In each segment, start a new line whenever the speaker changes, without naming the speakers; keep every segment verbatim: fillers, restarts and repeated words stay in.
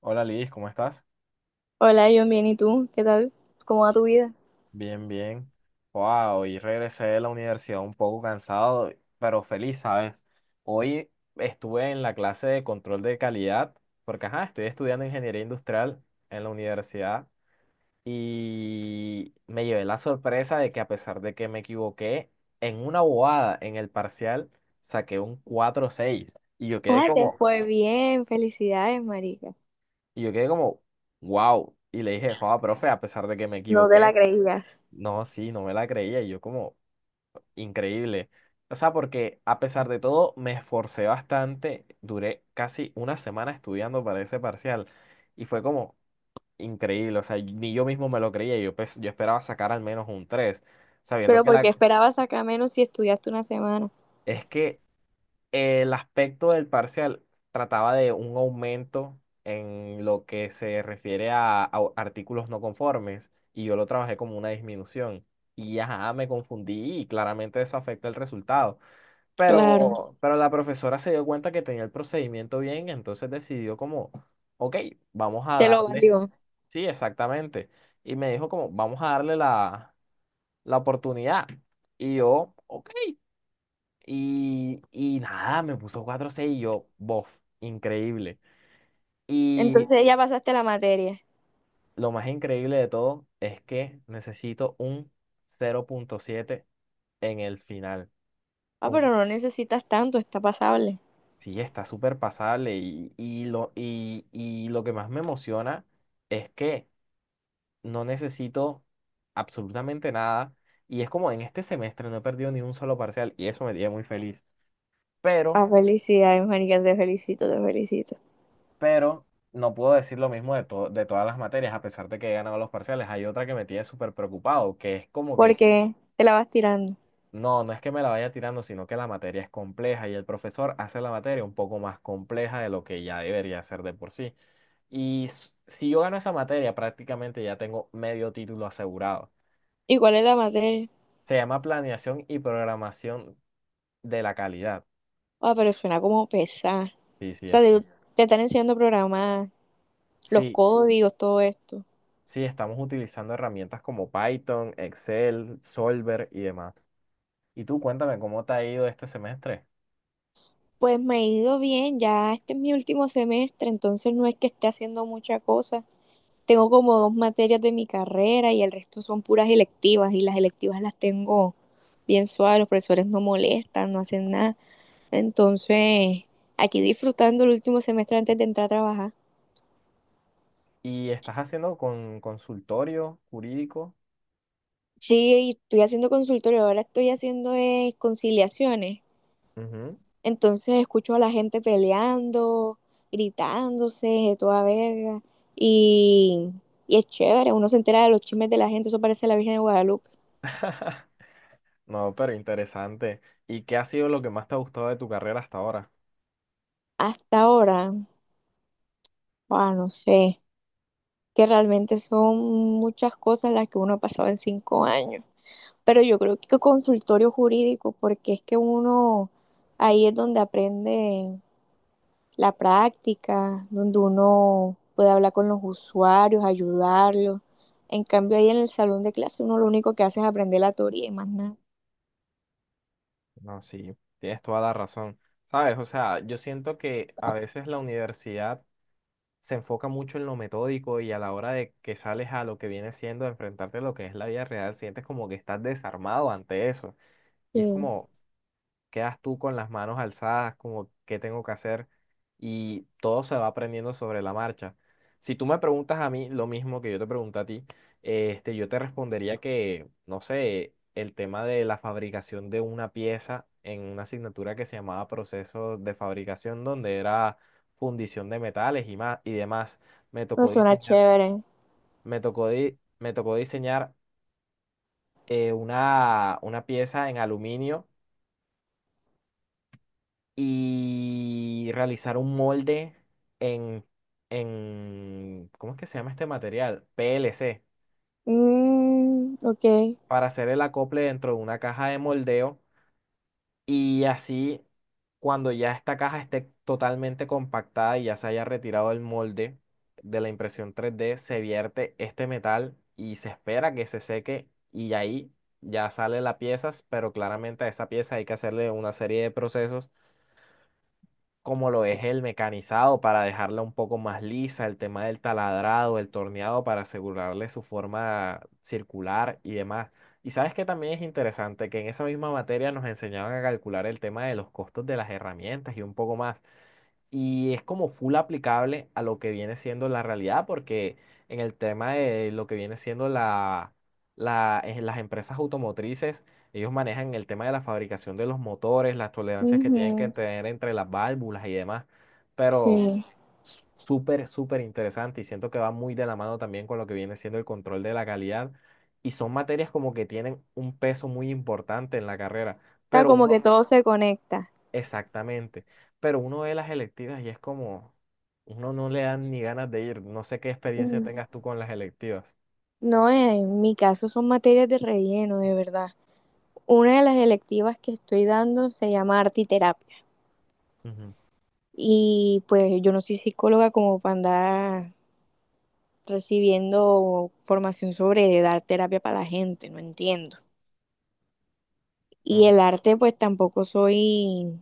Hola Liz, ¿cómo estás?
Hola, John, bien, ¿y tú? ¿Qué tal? ¿Cómo va
Bien.
tu vida?
Bien, bien. Wow, hoy regresé de la universidad un poco cansado, pero feliz, ¿sabes? Hoy estuve en la clase de control de calidad, porque ajá, estoy estudiando ingeniería industrial en la universidad y me llevé la sorpresa de que, a pesar de que me equivoqué en una bobada en el parcial, saqué un cuatro seis. y yo quedé
Oye, te
como,
fue bien, felicidades, marica.
y yo quedé como, wow. Y le dije, joda, profe, a pesar de que me
No te la
equivoqué.
creías.
No, sí, no me la creía. y Yo como increíble. O sea, porque a pesar de todo me esforcé bastante. Duré casi una semana estudiando para ese parcial. Y fue como increíble. O sea, ni yo mismo me lo creía. Yo, pues, yo esperaba sacar al menos un tres. Sabiendo
Pero
que
porque
la...
esperabas sacar menos si estudiaste una semana.
Es que el aspecto del parcial trataba de un aumento en lo que se refiere a, a artículos no conformes, y yo lo trabajé como una disminución. Y ajá, me confundí y claramente eso afecta el resultado.
Claro,
Pero, pero la profesora se dio cuenta que tenía el procedimiento bien, entonces decidió como, ok, vamos a
te lo
darle,
valió.
sí, exactamente. Y me dijo como, vamos a darle la, la oportunidad. Y yo, ok. Y, y nada, me puso cuatro seis y yo, bof, increíble. Y
Entonces ya pasaste la materia.
lo más increíble de todo es que necesito un cero punto siete en el final.
Ah,
Con,
pero no necesitas tanto, está pasable.
sí, está súper pasable. Y, y, lo, y, y lo que más me emociona es que no necesito absolutamente nada. Y es como en este semestre no he perdido ni un solo parcial y eso me tiene muy feliz. Pero
Ah, felicidades, marica, te felicito, te felicito.
pero no puedo decir lo mismo de, to- de todas las materias, a pesar de que he ganado los parciales. Hay otra que me tiene súper preocupado, que es como que,
Porque te la vas tirando.
no, no es que me la vaya tirando, sino que la materia es compleja y el profesor hace la materia un poco más compleja de lo que ya debería ser de por sí. Y s- si yo gano esa materia, prácticamente ya tengo medio título asegurado.
¿Y cuál es la materia?
Se llama Planeación y Programación de la Calidad.
Ah, pero suena como pesada.
Sí,
O
sí,
sea,
es.
te, te están enseñando a programar, los
Sí,
códigos, todo esto.
sí, estamos utilizando herramientas como Python, Excel, Solver y demás. Y tú cuéntame cómo te ha ido este semestre.
Pues me ha ido bien, ya este es mi último semestre, entonces no es que esté haciendo mucha cosa. Tengo como dos materias de mi carrera y el resto son puras electivas y las electivas las tengo bien suaves, los profesores no molestan, no hacen nada. Entonces, aquí disfrutando el último semestre antes de entrar a trabajar.
¿Y estás haciendo con consultorio jurídico?
Sí, y estoy haciendo consultorio, ahora estoy haciendo eh, conciliaciones.
Ujú.
Entonces escucho a la gente peleando, gritándose, de toda verga. Y, y es chévere, uno se entera de los chismes de la gente, eso parece la Virgen de Guadalupe.
No, pero interesante. ¿Y qué ha sido lo que más te ha gustado de tu carrera hasta ahora?
Hasta ahora, ah, no sé, que realmente son muchas cosas las que uno ha pasado en cinco años. Pero yo creo que consultorio jurídico, porque es que uno ahí es donde aprende la práctica, donde uno puede hablar con los usuarios, ayudarlos. En cambio, ahí en el salón de clase uno lo único que hace es aprender la teoría y más nada.
No, sí, tienes toda la razón. Sabes, o sea, yo siento que a veces la universidad se enfoca mucho en lo metódico y a la hora de que sales a lo que viene siendo enfrentarte a lo que es la vida real, sientes como que estás desarmado ante eso. Y es
Sí,
como, quedas tú con las manos alzadas, como qué tengo que hacer, y todo se va aprendiendo sobre la marcha. Si tú me preguntas a mí lo mismo que yo te pregunté a ti, este, yo te respondería que, no sé, el tema de la fabricación de una pieza en una asignatura que se llamaba proceso de fabricación, donde era fundición de metales y más y demás, me
eso
tocó
suena
diseñar,
chévere.
me tocó di- me tocó diseñar eh, una, una pieza en aluminio y realizar un molde en, en, ¿cómo es que se llama este material? P L C,
Mm, ok.
para hacer el acople dentro de una caja de moldeo, y así cuando ya esta caja esté totalmente compactada y ya se haya retirado el molde de la impresión tres d, se vierte este metal y se espera que se seque y ahí ya sale la pieza. Pero claramente a esa pieza hay que hacerle una serie de procesos, como lo es el mecanizado para dejarla un poco más lisa, el tema del taladrado, el torneado para asegurarle su forma circular y demás. Y sabes que también es interesante que en esa misma materia nos enseñaban a calcular el tema de los costos de las herramientas y un poco más. Y es como full aplicable a lo que viene siendo la realidad, porque en el tema de lo que viene siendo la, la- en las empresas automotrices, ellos manejan el tema de la fabricación de los motores, las tolerancias que tienen que
Ujú.
tener entre las válvulas y demás. Pero
Sí.
s- súper, súper interesante, y siento que va muy de la mano también con lo que viene siendo el control de la calidad. Y son materias como que tienen un peso muy importante en la carrera.
O sea,
Pero
como
uno,
que todo se conecta.
Exactamente. Pero uno ve las electivas y es como, uno no le dan ni ganas de ir. No sé qué experiencia
Mm.
tengas tú con las electivas.
No, en mi caso son materias de relleno, de verdad. Una de las electivas que estoy dando se llama arte y terapia.
Ujú.
Y pues yo no soy psicóloga como para andar recibiendo formación sobre de dar terapia para la gente, no entiendo.
No
Y
sé,
el arte, pues tampoco soy,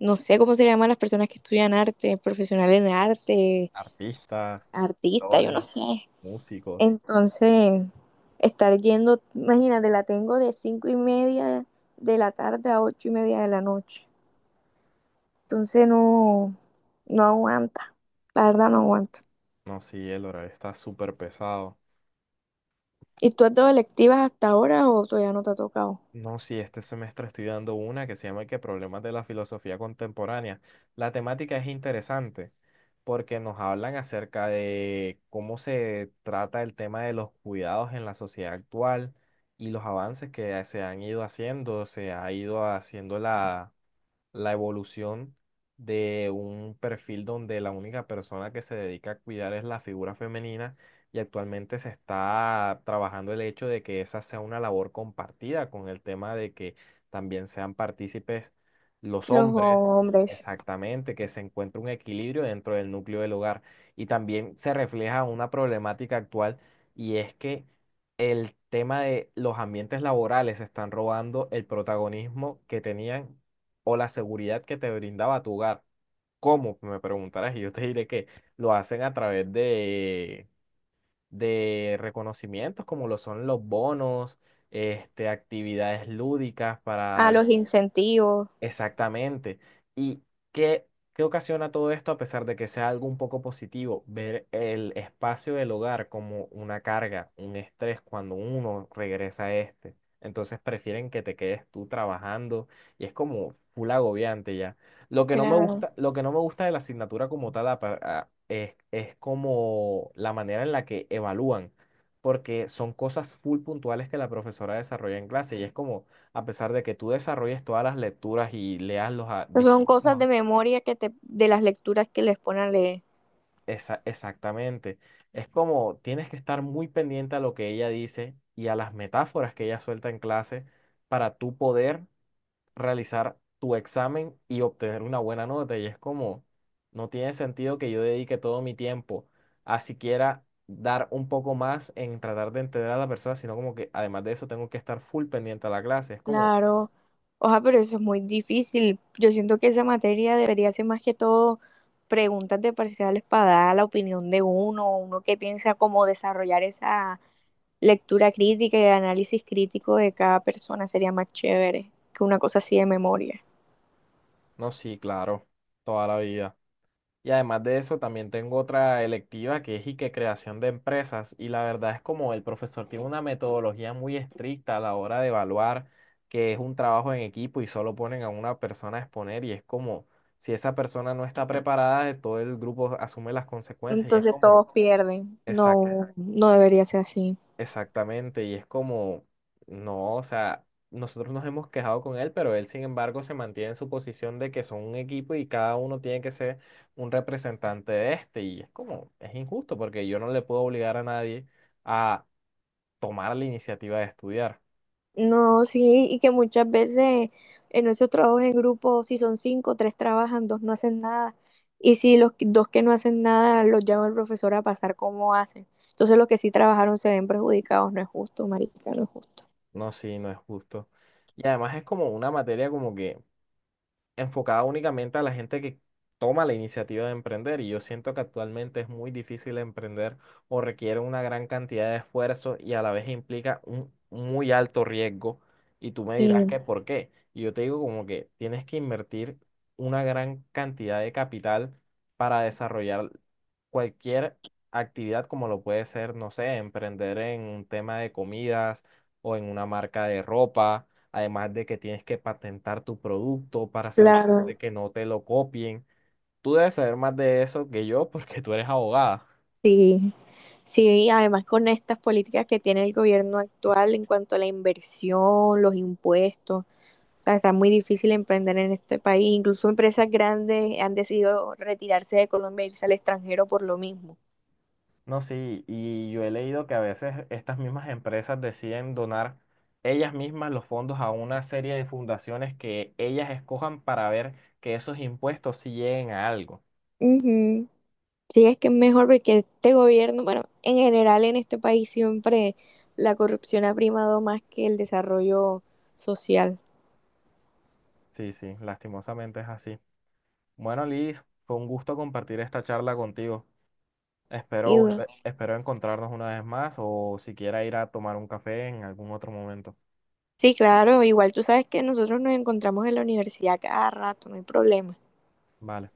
no sé cómo se llaman las personas que estudian arte, profesionales en arte,
artistas,
artista, yo no
actores,
sé.
músicos.
Entonces, estar yendo, imagínate, la tengo de cinco y media de la tarde a ocho y media de la noche. Entonces no, no aguanta, la verdad no aguanta.
No, sí, el horario está súper pesado.
¿Y tú has dado electivas hasta ahora o todavía no te ha tocado?
No, sí, este semestre estoy dando una que se llama que Problemas de la filosofía contemporánea. La temática es interesante porque nos hablan acerca de cómo se trata el tema de los cuidados en la sociedad actual y los avances que se han ido haciendo, se ha ido haciendo la la evolución de un perfil donde la única persona que se dedica a cuidar es la figura femenina, y actualmente se está trabajando el hecho de que esa sea una labor compartida con el tema de que también sean partícipes los
Los
hombres.
hombres.
Exactamente, que se encuentre un equilibrio dentro del núcleo del hogar. Y también se refleja una problemática actual, y es que el tema de los ambientes laborales están robando el protagonismo que tenían o la seguridad que te brindaba tu hogar. ¿Cómo? Me preguntarás, y yo te diré que lo hacen a través de, de reconocimientos como lo son los bonos, este, actividades lúdicas
A
para...
los incentivos.
Exactamente. ¿Y qué, qué ocasiona todo esto a pesar de que sea algo un poco positivo? Ver el espacio del hogar como una carga, un estrés cuando uno regresa a este. Entonces prefieren que te quedes tú trabajando y es como full agobiante ya. Lo que no me gusta,
Claro.
lo que no me gusta de la asignatura como tal apa- a- es, es como la manera en la que evalúan, porque son cosas full puntuales que la profesora desarrolla en clase y es como, a pesar de que tú desarrolles todas las lecturas y leas los a-
Son cosas
distintos.
de memoria que te, de las lecturas que les ponen a leer.
Esa- exactamente. Es como tienes que estar muy pendiente a lo que ella dice y a las metáforas que ella suelta en clase para tú poder realizar tu examen y obtener una buena nota. Y es como, no tiene sentido que yo dedique todo mi tiempo a siquiera dar un poco más en tratar de entender a la persona, sino como que además de eso tengo que estar full pendiente a la clase. Es como,
Claro. Oja, pero eso es muy difícil. Yo siento que esa materia debería ser más que todo preguntas de parciales para dar la opinión de uno, uno que piensa cómo desarrollar esa lectura crítica y el análisis crítico de cada persona sería más chévere que una cosa así de memoria.
no, sí, claro, toda la vida. Y además de eso, también tengo otra electiva que es, y que creación de empresas. Y la verdad es como el profesor tiene una metodología muy estricta a la hora de evaluar, que es un trabajo en equipo y solo ponen a una persona a exponer y es como, si esa persona no está preparada, todo el grupo asume las consecuencias y es
Entonces
como...
todos pierden. No, no debería ser así.
Exactamente, y es como, no, o sea, nosotros nos hemos quejado con él, pero él sin embargo se mantiene en su posición de que son un equipo y cada uno tiene que ser un representante de este, y es como, es injusto porque yo no le puedo obligar a nadie a tomar la iniciativa de estudiar.
No, sí, y que muchas veces en esos trabajos en grupo, si son cinco, tres trabajan, dos no hacen nada. Y si los que- dos que no hacen nada, los llama el profesor a pasar cómo hacen. Entonces los que sí trabajaron se ven perjudicados, no es justo, marica, no es justo.
No, sí, no es justo. Y además es como una materia como que enfocada únicamente a la gente que toma la iniciativa de emprender, y yo siento que actualmente es muy difícil emprender o requiere una gran cantidad de esfuerzo y a la vez implica un muy alto riesgo, y tú me dirás
Sí,
que por qué. Y yo te digo como que tienes que invertir una gran cantidad de capital para desarrollar cualquier actividad como lo puede ser, no sé, emprender en un tema de comidas o en una marca de ropa. Además de que tienes que patentar tu producto para asegurarte
claro.
que no te lo copien. Tú debes saber más de eso que yo porque tú eres abogada.
Sí, sí, y además con estas políticas que tiene el gobierno actual en cuanto a la inversión, los impuestos. Sea, está muy difícil emprender en este país. Incluso empresas grandes han decidido retirarse de Colombia e irse al extranjero por lo mismo.
No, sí, y yo he leído que a veces estas mismas empresas deciden donar ellas mismas los fondos a una serie de fundaciones que ellas escojan para ver que esos impuestos sí lleguen a algo.
Ujú. Sí, es que es mejor porque este gobierno, bueno, en general en este país siempre la corrupción ha primado más que el desarrollo social.
Sí, sí, lastimosamente es así. Bueno, Liz, fue un gusto compartir esta charla contigo. Espero
Y, bueno,
volver- espero encontrarnos una vez más o siquiera ir a tomar un café en algún otro momento.
sí, claro, igual tú sabes que nosotros nos encontramos en la universidad cada rato, no hay problema.
Vale.